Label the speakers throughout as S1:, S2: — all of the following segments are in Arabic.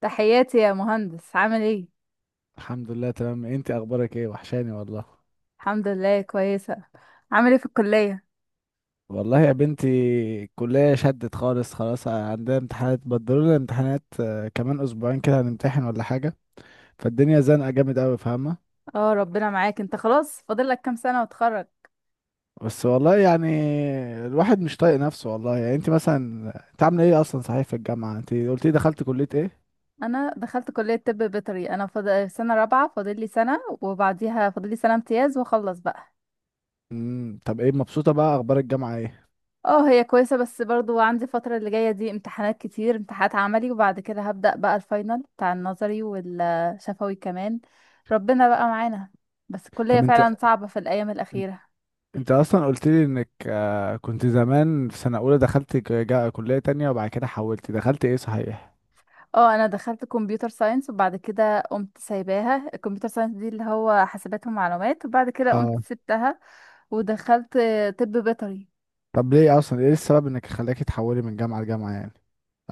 S1: تحياتي يا مهندس، عامل ايه؟
S2: الحمد لله تمام، انت اخبارك ايه؟ وحشاني والله.
S1: الحمد لله، كويسه. عامل ايه في الكليه؟
S2: والله يا بنتي، الكلية شدت خالص، خلاص عندنا امتحانات، بدلوا لنا امتحانات. كمان اسبوعين كده هنمتحن ولا حاجة. فالدنيا زنقة جامد قوي، فاهمة؟
S1: اه، ربنا معاك، انت خلاص فاضل لك كام سنه وتخرج؟
S2: بس والله يعني، الواحد مش طايق نفسه والله، يعني انت عاملة ايه اصلا، صحيح، في الجامعة انت قلتي دخلت كلية ايه؟
S1: انا دخلت كليه طب بيطري، انا فاضل سنه رابعه، فاضل لي سنه وبعديها فاضل لي سنه امتياز واخلص بقى.
S2: طب، ايه، مبسوطة بقى؟ اخبار الجامعة ايه؟
S1: اه، هي كويسه، بس برضو عندي الفتره اللي جايه دي امتحانات كتير، امتحانات عملي، وبعد كده هبدا بقى الفاينل بتاع النظري والشفوي كمان. ربنا بقى معانا. بس الكليه
S2: طب انت
S1: فعلا صعبه في الايام الاخيره.
S2: انت اصلا قلت لي انك كنت زمان في سنة اولى، دخلت كلية تانية، وبعد كده حولت دخلت ايه، صحيح؟
S1: اه، انا دخلت كمبيوتر ساينس وبعد كده قمت سايباها، الكمبيوتر ساينس دي اللي هو حاسبات ومعلومات، وبعد كده قمت
S2: اه.
S1: سبتها. ودخلت طب بيطري.
S2: طب ليه اصلا، ايه السبب انك خلاكي تحولي من جامعه لجامعه يعني،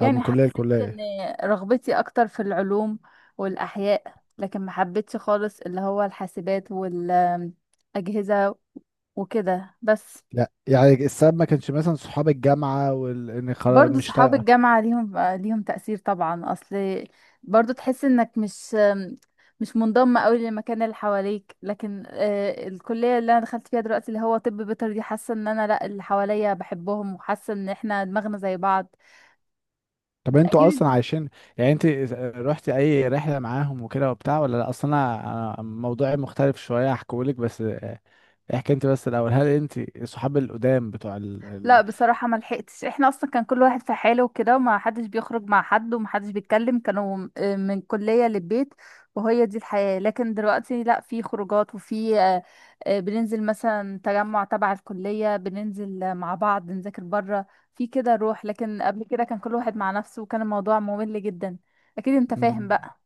S2: او من كليه
S1: حسيت
S2: لكليه؟
S1: ان رغبتي اكتر في العلوم والاحياء، لكن ما حبيتش خالص اللي هو الحاسبات والاجهزة وكده بس.
S2: لا، يعني السبب ما كانش مثلا صحاب الجامعه، وان وال... إن خلا-
S1: برضو
S2: مش
S1: صحاب
S2: طايقه.
S1: الجامعة ليهم تأثير طبعا، أصل برضو تحس إنك مش منضم أوي للمكان اللي حواليك، لكن الكلية اللي أنا دخلت فيها دلوقتي اللي هو طب بيطري دي، حاسة إن أنا لأ، اللي حواليا بحبهم، وحاسة إن إحنا دماغنا زي بعض.
S2: طب انتوا
S1: أكيد.
S2: اصلا عايشين؟ يعني انت رحتي اي رحله معاهم وكده وبتاع ولا لا؟ اصلا أنا موضوعي مختلف شويه، هحكيهولك، بس احكي انت بس الاول، هل انت صحاب القدام بتوع ال...
S1: لا،
S2: ال...
S1: بصراحة ما لحقتش، احنا اصلا كان كل واحد في حاله وكده، وما حدش بيخرج مع حد وما حدش بيتكلم، كانوا من كلية للبيت. وهي دي الحياة، لكن دلوقتي لا، في خروجات وفي، بننزل مثلا تجمع تبع الكلية، بننزل مع بعض نذاكر بره. في كده روح، لكن قبل كده كان كل واحد مع نفسه وكان الموضوع ممل جدا. اكيد انت فاهم
S2: مم.
S1: بقى.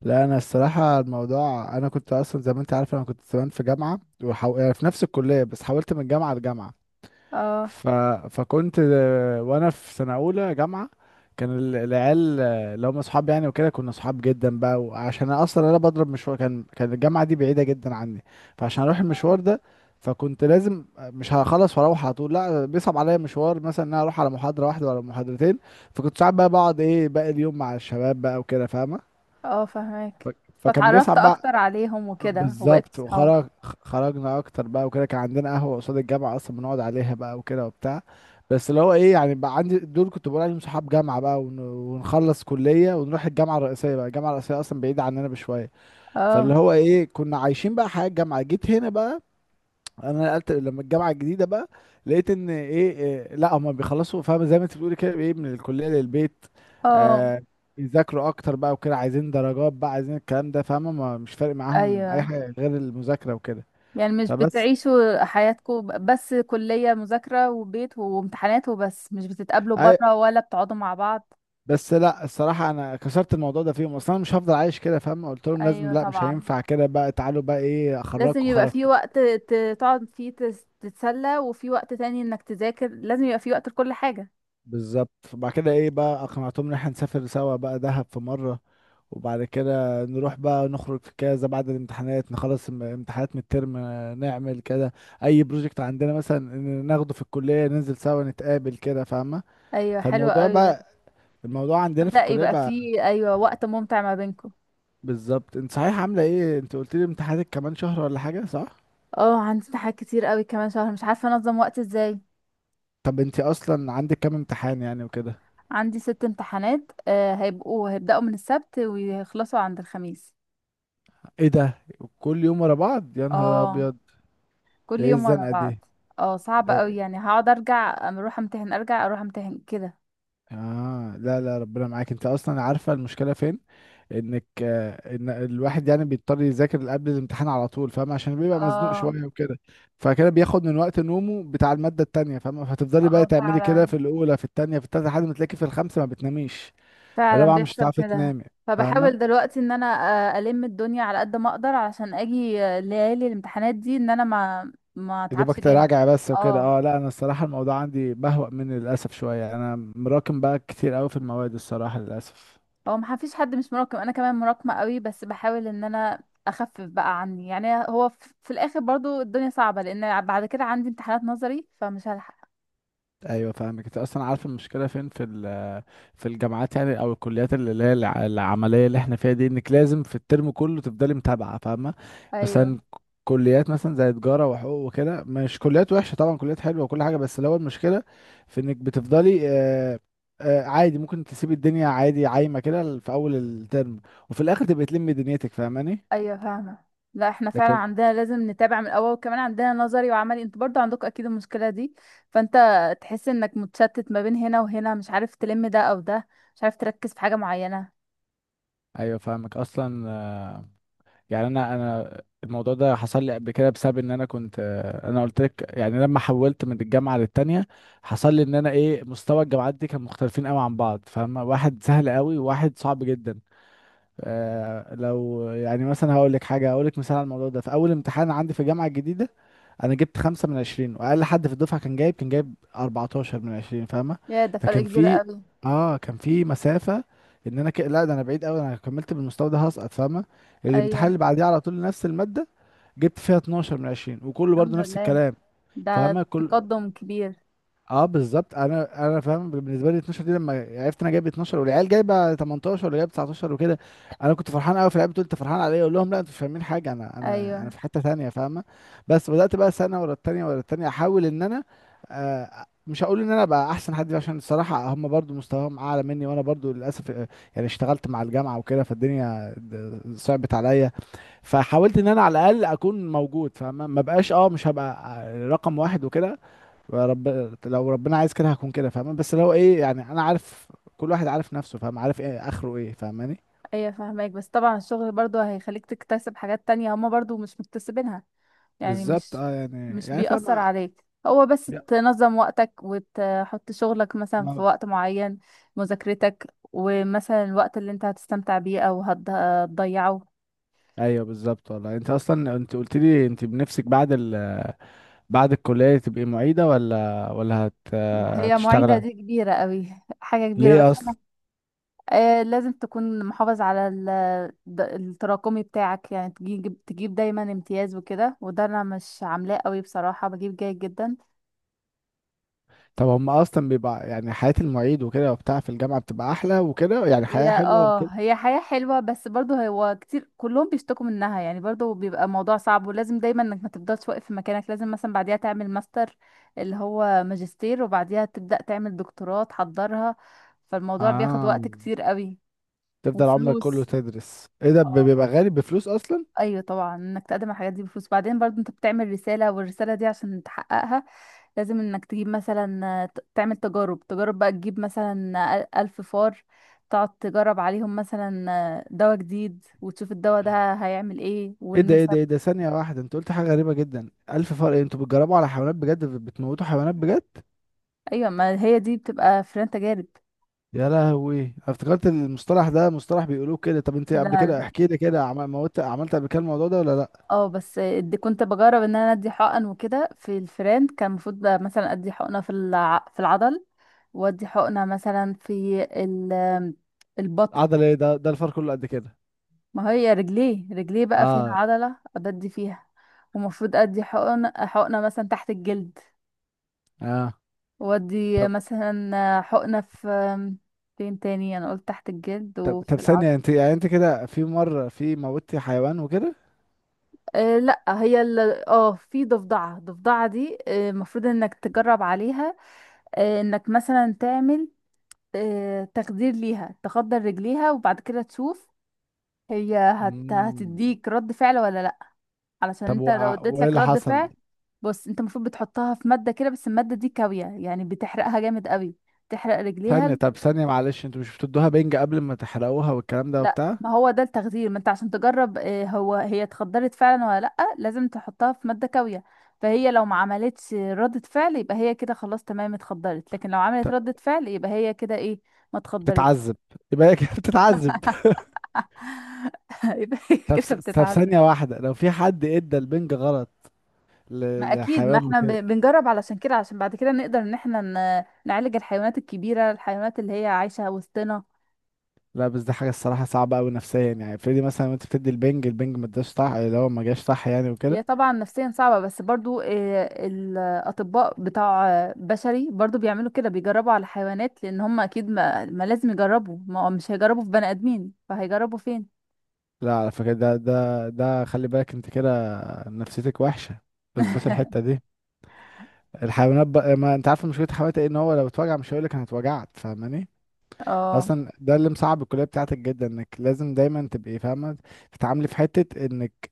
S2: لا، انا الصراحه الموضوع، انا كنت اصلا زي ما انت عارفه، انا كنت زمان في جامعه يعني في نفس الكليه، بس حولت من جامعه لجامعه.
S1: اه،
S2: ف... فكنت، وانا في سنه اولى جامعه، كان العيال اللي هم اصحاب يعني وكده، كنا اصحاب جدا بقى. وعشان أنا اصلا بضرب مشوار، كان الجامعه دي بعيده جدا عني، فعشان اروح المشوار
S1: اه،
S2: ده، فكنت لازم، مش هخلص واروح على طول، لا بيصعب عليا مشوار مثلا ان انا اروح على محاضره واحده ولا محاضرتين. فكنت ساعات بقى بقعد ايه باقي اليوم مع الشباب بقى وكده، فاهمه؟
S1: فاهمك.
S2: ف- فكان
S1: فاتعرفت
S2: بيصعب بقى.
S1: اكتر عليهم وكده وبقيت
S2: بالظبط،
S1: اصحاب.
S2: وخرج خرجنا اكتر بقى وكده. كان عندنا قهوه قصاد الجامعه اصلا بنقعد عليها بقى وكده وبتاع. بس اللي هو ايه يعني، بقى عندي دول كنت بقول عليهم صحاب جامعه بقى، ونخلص كليه ونروح الجامعه الرئيسيه بقى، الجامعه الرئيسيه اصلا بعيده عننا بشويه. فاللي
S1: اه،
S2: هو ايه، كنا عايشين بقى حياه الجامعه. جيت هنا بقى، انا نقلت لما الجامعه الجديده بقى، لقيت ان ايه إيه، لا، هما بيخلصوا فاهم، زي ما انت بتقولي كده، ايه، من الكليه للبيت.
S1: اه،
S2: آه بيذاكروا اكتر بقى وكده، عايزين درجات بقى، عايزين الكلام ده، فاهمه؟ مش فارق معاهم اي
S1: ايوه.
S2: حاجه غير المذاكره وكده.
S1: يعني مش
S2: فبس
S1: بتعيشوا حياتكم بس كلية، مذاكرة وبيت وامتحانات وبس؟ مش بتتقابلوا
S2: اي
S1: بره ولا بتقعدوا مع بعض؟
S2: بس لا، الصراحه انا كسرت الموضوع ده فيهم، اصلا أنا مش هفضل عايش كده فاهم، قلت لهم لازم،
S1: ايوه
S2: لا مش
S1: طبعا.
S2: هينفع كده بقى، تعالوا بقى، ايه،
S1: لازم
S2: اخرجكم
S1: يبقى
S2: خرج.
S1: في وقت تقعد فيه تتسلى، وفي وقت تاني انك تذاكر. لازم يبقى في وقت لكل حاجة.
S2: بالظبط، وبعد كده ايه، بقى اقنعتهم ان احنا نسافر سوا بقى دهب في مرة، وبعد كده نروح بقى نخرج في كذا، بعد الامتحانات نخلص امتحانات من الترم، نعمل كده، اي بروجكت عندنا مثلا ناخده في الكلية ننزل سوا نتقابل كده، فاهمة؟
S1: ايوه، حلوة
S2: فالموضوع
S1: قوي ده.
S2: بقى الموضوع عندنا في
S1: بدأ
S2: الكلية
S1: يبقى
S2: بقى.
S1: في، ايوه، وقت ممتع ما بينكم.
S2: بالظبط. انت صحيح عاملة ايه؟ انت قلت لي امتحاناتك كمان شهر ولا حاجة، صح؟
S1: اه، عندي حاجات كتير قوي كمان شهر، مش عارفة انظم وقت ازاي.
S2: طب انت اصلا عندك كام امتحان يعني وكده؟
S1: عندي ست امتحانات، هيبدأوا من السبت ويخلصوا عند الخميس.
S2: ايه ده، كل يوم ورا بعض، يا نهار
S1: اه،
S2: ابيض! ده
S1: كل
S2: ايه
S1: يوم ورا
S2: الزنقة دي!
S1: بعض. اه، صعب قوي، يعني هقعد ارجع اروح امتحن، ارجع اروح امتحن كده.
S2: اه، لا لا، ربنا معاك. انت اصلا عارفه المشكله فين، انك آه، ان الواحد يعني بيضطر يذاكر قبل الامتحان على طول فاهم، عشان بيبقى مزنوق
S1: اه،
S2: شويه وكده. فكده بياخد من وقت نومه بتاع الماده التانية فاهم، فتفضلي بقى
S1: اه،
S2: تعملي كده
S1: فعلا،
S2: في الاولى، في التانية، في التالتة، لحد ما تلاقي في الخامسه ما بتناميش،
S1: فعلا
S2: الرابعه مش
S1: بيحصل
S2: هتعرفي
S1: كده.
S2: تنامي، فاهمه،
S1: فبحاول دلوقتي ان انا الم الدنيا على قد ما اقدر علشان اجي ليالي الامتحانات دي ان انا ما
S2: يا
S1: اتعبش
S2: دوبك
S1: جامد.
S2: تراجع بس وكده.
S1: اه،
S2: اه، لا انا الصراحه الموضوع عندي بهوأ مني للاسف شويه، انا مراكم بقى كتير قوي في المواد الصراحه للاسف.
S1: هو ما فيش حد مش مراقب، انا كمان مراكمه قوي، بس بحاول ان انا اخفف بقى عني، يعني هو في الاخر برضو الدنيا صعبه، لان بعد كده عندي امتحانات نظري فمش هلحق.
S2: ايوه فاهمك. انت اصلا عارف المشكله فين في الجامعات يعني، او الكليات اللي هي العمليه اللي احنا فيها دي، انك لازم في الترم كله تفضلي متابعه، فاهمه؟
S1: ايوه،
S2: مثلا، كليات مثلا زي تجاره وحقوق وكده، مش كليات وحشه طبعا، كليات حلوه وكل حاجه، بس اللي هو المشكله في انك بتفضلي عادي ممكن تسيبي الدنيا عادي عايمه كده في اول الترم، وفي الاخر تبقي تلمي دنيتك، فاهماني؟
S1: ايوه فاهمه. لا احنا فعلا
S2: لكن
S1: عندنا لازم نتابع من الاول، وكمان عندنا نظري وعملي، انتوا برضو عندكم اكيد المشكله دي. فانت تحس انك متشتت ما بين هنا وهنا، مش عارف تلم ده او ده، مش عارف تركز في حاجه معينه.
S2: ايوه فاهمك اصلا. يعني انا الموضوع ده حصل لي قبل كده، بسبب ان انا كنت، انا قلت لك يعني لما حولت من الجامعه للتانيه، حصل لي ان انا ايه، مستوى الجامعات دي كان مختلفين قوي عن بعض فاهم، واحد سهل قوي وواحد صعب جدا. لو يعني مثلا هقول لك حاجه، هقول لك مثال على الموضوع ده، في اول امتحان عندي في الجامعه الجديده، انا جبت 5 من 20، واقل حد في الدفعه كان جايب 14 من عشرين فاهمه.
S1: يا ده فرق
S2: فكان
S1: كبير
S2: في
S1: قوي.
S2: اه كان في مسافه، ان انا لا ده انا بعيد قوي، انا لو كملت بالمستوى ده هسقط فاهمه. الامتحان
S1: ايوه.
S2: اللي بعديه على طول نفس الماده، جبت فيها 12 من عشرين، وكله برضو
S1: الحمد
S2: نفس
S1: لله،
S2: الكلام،
S1: ده
S2: فاهمه؟
S1: تقدم كبير.
S2: اه بالظبط، انا فاهم، بالنسبه لي 12 دي، لما عرفت انا جايب 12 والعيال جايبه 18 ولا جايب 19 وكده، انا كنت فرحان قوي، في العيال بتقول انت فرحان عليا، اقول لهم لا انتوا مش فاهمين حاجه، انا
S1: ايوه،
S2: في حته تانية فاهمه. بس بدات بقى سنه ورا التانية ورا التانية احاول ان انا، آه مش هقول ان انا بقى احسن حد، عشان الصراحه هم برضو مستواهم اعلى مني، وانا برضو للاسف، يعني اشتغلت مع الجامعه وكده، فالدنيا صعبت عليا. فحاولت ان انا على الاقل اكون موجود فاهمه، ما بقاش، مش هبقى رقم واحد وكده. لو ربنا عايز كده هكون كده فاهم، بس لو ايه يعني انا عارف، كل واحد عارف نفسه فاهم، عارف ايه اخره ايه، فاهماني؟
S1: ايوه فاهمك، بس طبعا الشغل برضو هيخليك تكتسب حاجات تانية هما برضو مش مكتسبينها. يعني
S2: بالظبط.
S1: مش
S2: اه، يعني
S1: مش
S2: يعني
S1: بيأثر
S2: فاهم.
S1: عليك، هو بس
S2: يا-
S1: تنظم وقتك وتحط شغلك مثلا في
S2: ما...
S1: وقت معين، مذاكرتك، ومثلا الوقت اللي انت هتستمتع بيه او هتضيعه.
S2: ايوه بالظبط والله، انت اصلا انت قلت لي انت بنفسك بعد بعد الكليه تبقي معيده ولا
S1: هي معيدة
S2: هتشتغل؟
S1: دي كبيرة قوي، حاجة كبيرة،
S2: ليه
S1: بس انا
S2: اصلا؟
S1: لازم تكون محافظ على التراكمي بتاعك، يعني تجيب دايما امتياز وكده، وده انا مش عاملاه قوي بصراحة، بجيب جيد جدا.
S2: طب هم اصلا بيبقى يعني حياه المعيد وكده وبتاع في الجامعه بتبقى احلى وكده، يعني
S1: هي
S2: حياه حلوه
S1: اه،
S2: وكده.
S1: هي حياة حلوة، بس برضو هو كتير كلهم بيشتكوا منها، يعني برضو بيبقى موضوع صعب، ولازم دايما انك ما تفضلش واقف في مكانك، لازم مثلا بعديها تعمل ماستر، اللي هو ماجستير، وبعديها تبدأ تعمل دكتوراه تحضرها. فالموضوع بياخد
S2: اه،
S1: وقت كتير قوي.
S2: تفضل عمرك كله
S1: وفلوس.
S2: تدرس، ايه ده،
S1: اه.
S2: بيبقى غالي بفلوس اصلا.
S1: ايوه طبعا، انك تقدم على الحاجات دي بفلوس، بعدين برضو انت بتعمل رسالة، والرسالة دي عشان تحققها لازم انك تجيب مثلا تعمل تجارب بقى تجيب مثلا ألف فار، تقعد تجرب عليهم مثلا دواء جديد وتشوف الدواء ده هيعمل ايه
S2: ايه ده، ايه ده،
S1: والنسب.
S2: ايه ده، ثانية واحدة، انت قلت حاجة غريبة جدا، ألف فرق إيه؟ انتوا بتجربوا على حيوانات بجد؟ بتموتوا حيوانات بجد؟
S1: ايوه، ما هي دي بتبقى فيران تجارب.
S2: يا لهوي! انا افتكرت المصطلح ده مصطلح بيقولوه كده. طب انت
S1: لا،
S2: قبل كده
S1: لا.
S2: احكي لي كده، موت، عملت قبل كده الموضوع ده ولا لا؟
S1: اه، بس دي كنت بجرب ان انا ادي حقن وكده في الفيران، كان المفروض بقى مثلا ادي حقنه في العضل، وادي حقنه مثلا في البطن.
S2: عضل ايه؟ ده الفار كله قد كده؟
S1: ما هي رجليه بقى فيها
S2: اه.
S1: عضلة أبدي فيها. ومفروض أدي حقنة مثلا تحت الجلد،
S2: اه.
S1: وأدي
S2: طب
S1: مثلا حقنة فين تاني؟ أنا قلت تحت الجلد
S2: طب
S1: وفي العضل.
S2: ثانية، انت يعني انت كده في مرة في موتي حيوان وكده؟
S1: أه، لا، اه، في ضفدعة، الضفدعة دي المفروض انك تجرب عليها، انك مثلا تعمل، تخدير ليها، تخدر رجليها وبعد كده تشوف هي
S2: مم.
S1: هتديك رد فعل ولا لا. علشان
S2: طب،
S1: انت لو اديت
S2: وايه
S1: لك
S2: اللي
S1: رد
S2: حصل؟
S1: فعل. بص، انت المفروض بتحطها في مادة كده، بس المادة دي كاوية، يعني بتحرقها جامد قوي، تحرق رجليها.
S2: ثانية، طب ثانية، معلش، انتوا مش بتدوها بنج قبل ما تحرقوها والكلام ده
S1: لا،
S2: وبتاع؟
S1: ما هو ده التخدير، ما انت عشان تجرب هي اتخدرت فعلا ولا لا، لازم تحطها في مادة كاوية، فهي لو ما عملتش ردة فعل يبقى هي كده خلاص تمام اتخدرت، لكن لو عملت
S2: طب
S1: ردة فعل يبقى هي كده ايه؟ ما اتخدرتش.
S2: بتتعذب؟ يبقى هي كده بتتعذب.
S1: يبقى هي كده
S2: طب
S1: بتتعدى.
S2: ثانية واحدة، لو في حد ادى البنج غلط
S1: ما اكيد، ما
S2: لحيوان
S1: احنا ب-
S2: وكده؟
S1: بنجرب علشان كده، علشان بعد كده نقدر ان احنا نعالج الحيوانات الكبيره، الحيوانات اللي هي عايشه وسطنا.
S2: لا بس دي حاجة الصراحة صعبة أوي نفسيا، يعني افرضي مثلا وانت بتدي البنج، البنج ما اداش صح، اللي هو ما جاش صح يعني وكده.
S1: هي طبعا نفسيا صعبه، بس برضو الاطباء بتاع بشري برضو بيعملوا كده، بيجربوا على حيوانات، لان هم اكيد ما لازم يجربوا، ما هو مش هيجربوا في بني ادمين فهيجربوا فين.
S2: لا على فكرة، ده خلي بالك، انت كده نفسيتك وحشة. بس الحتة دي، الحيوانات بقى، ما انت عارف مشكلة الحيوانات ايه، ان هو لو اتوجع مش هيقولك انا اتوجعت، فاهماني؟
S1: اه،
S2: اصلا ده اللي مصعب الكليه بتاعتك جدا، انك لازم دايما تبقي فاهمه، تتعاملي في حته انك،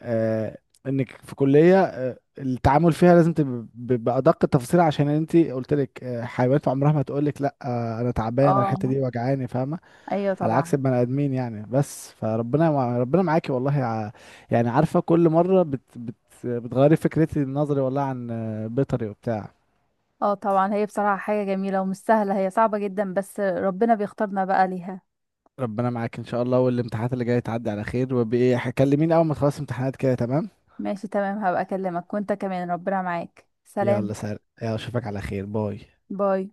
S2: آه انك في كليه التعامل فيها لازم تبقى بادق التفاصيل، عشان انت قلت لك حيوانات عمرها ما تقول لك لا، انا تعبانه الحته
S1: اه،
S2: دي وجعاني، فاهمه؟
S1: ايوه
S2: على عكس
S1: طبعا.
S2: البني ادمين يعني. بس فربنا ربنا معاكي والله. يعني عارفه، كل مره بت بت بتغيري فكرتي نظري والله عن بيطري وبتاع.
S1: اه طبعا، هي بصراحه حاجه جميله ومش سهله، هي صعبه جدا، بس ربنا بيختارنا بقى ليها.
S2: ربنا معاك ان شاء الله، والامتحانات اللي جايه تعدي على خير، وبايه كلميني اول ما تخلص امتحانات كده، تمام؟
S1: ماشي، تمام، هبقى اكلمك، وانت كمان ربنا معاك، سلام.
S2: يلا سلام، يلا اشوفك على خير، باي.
S1: باي.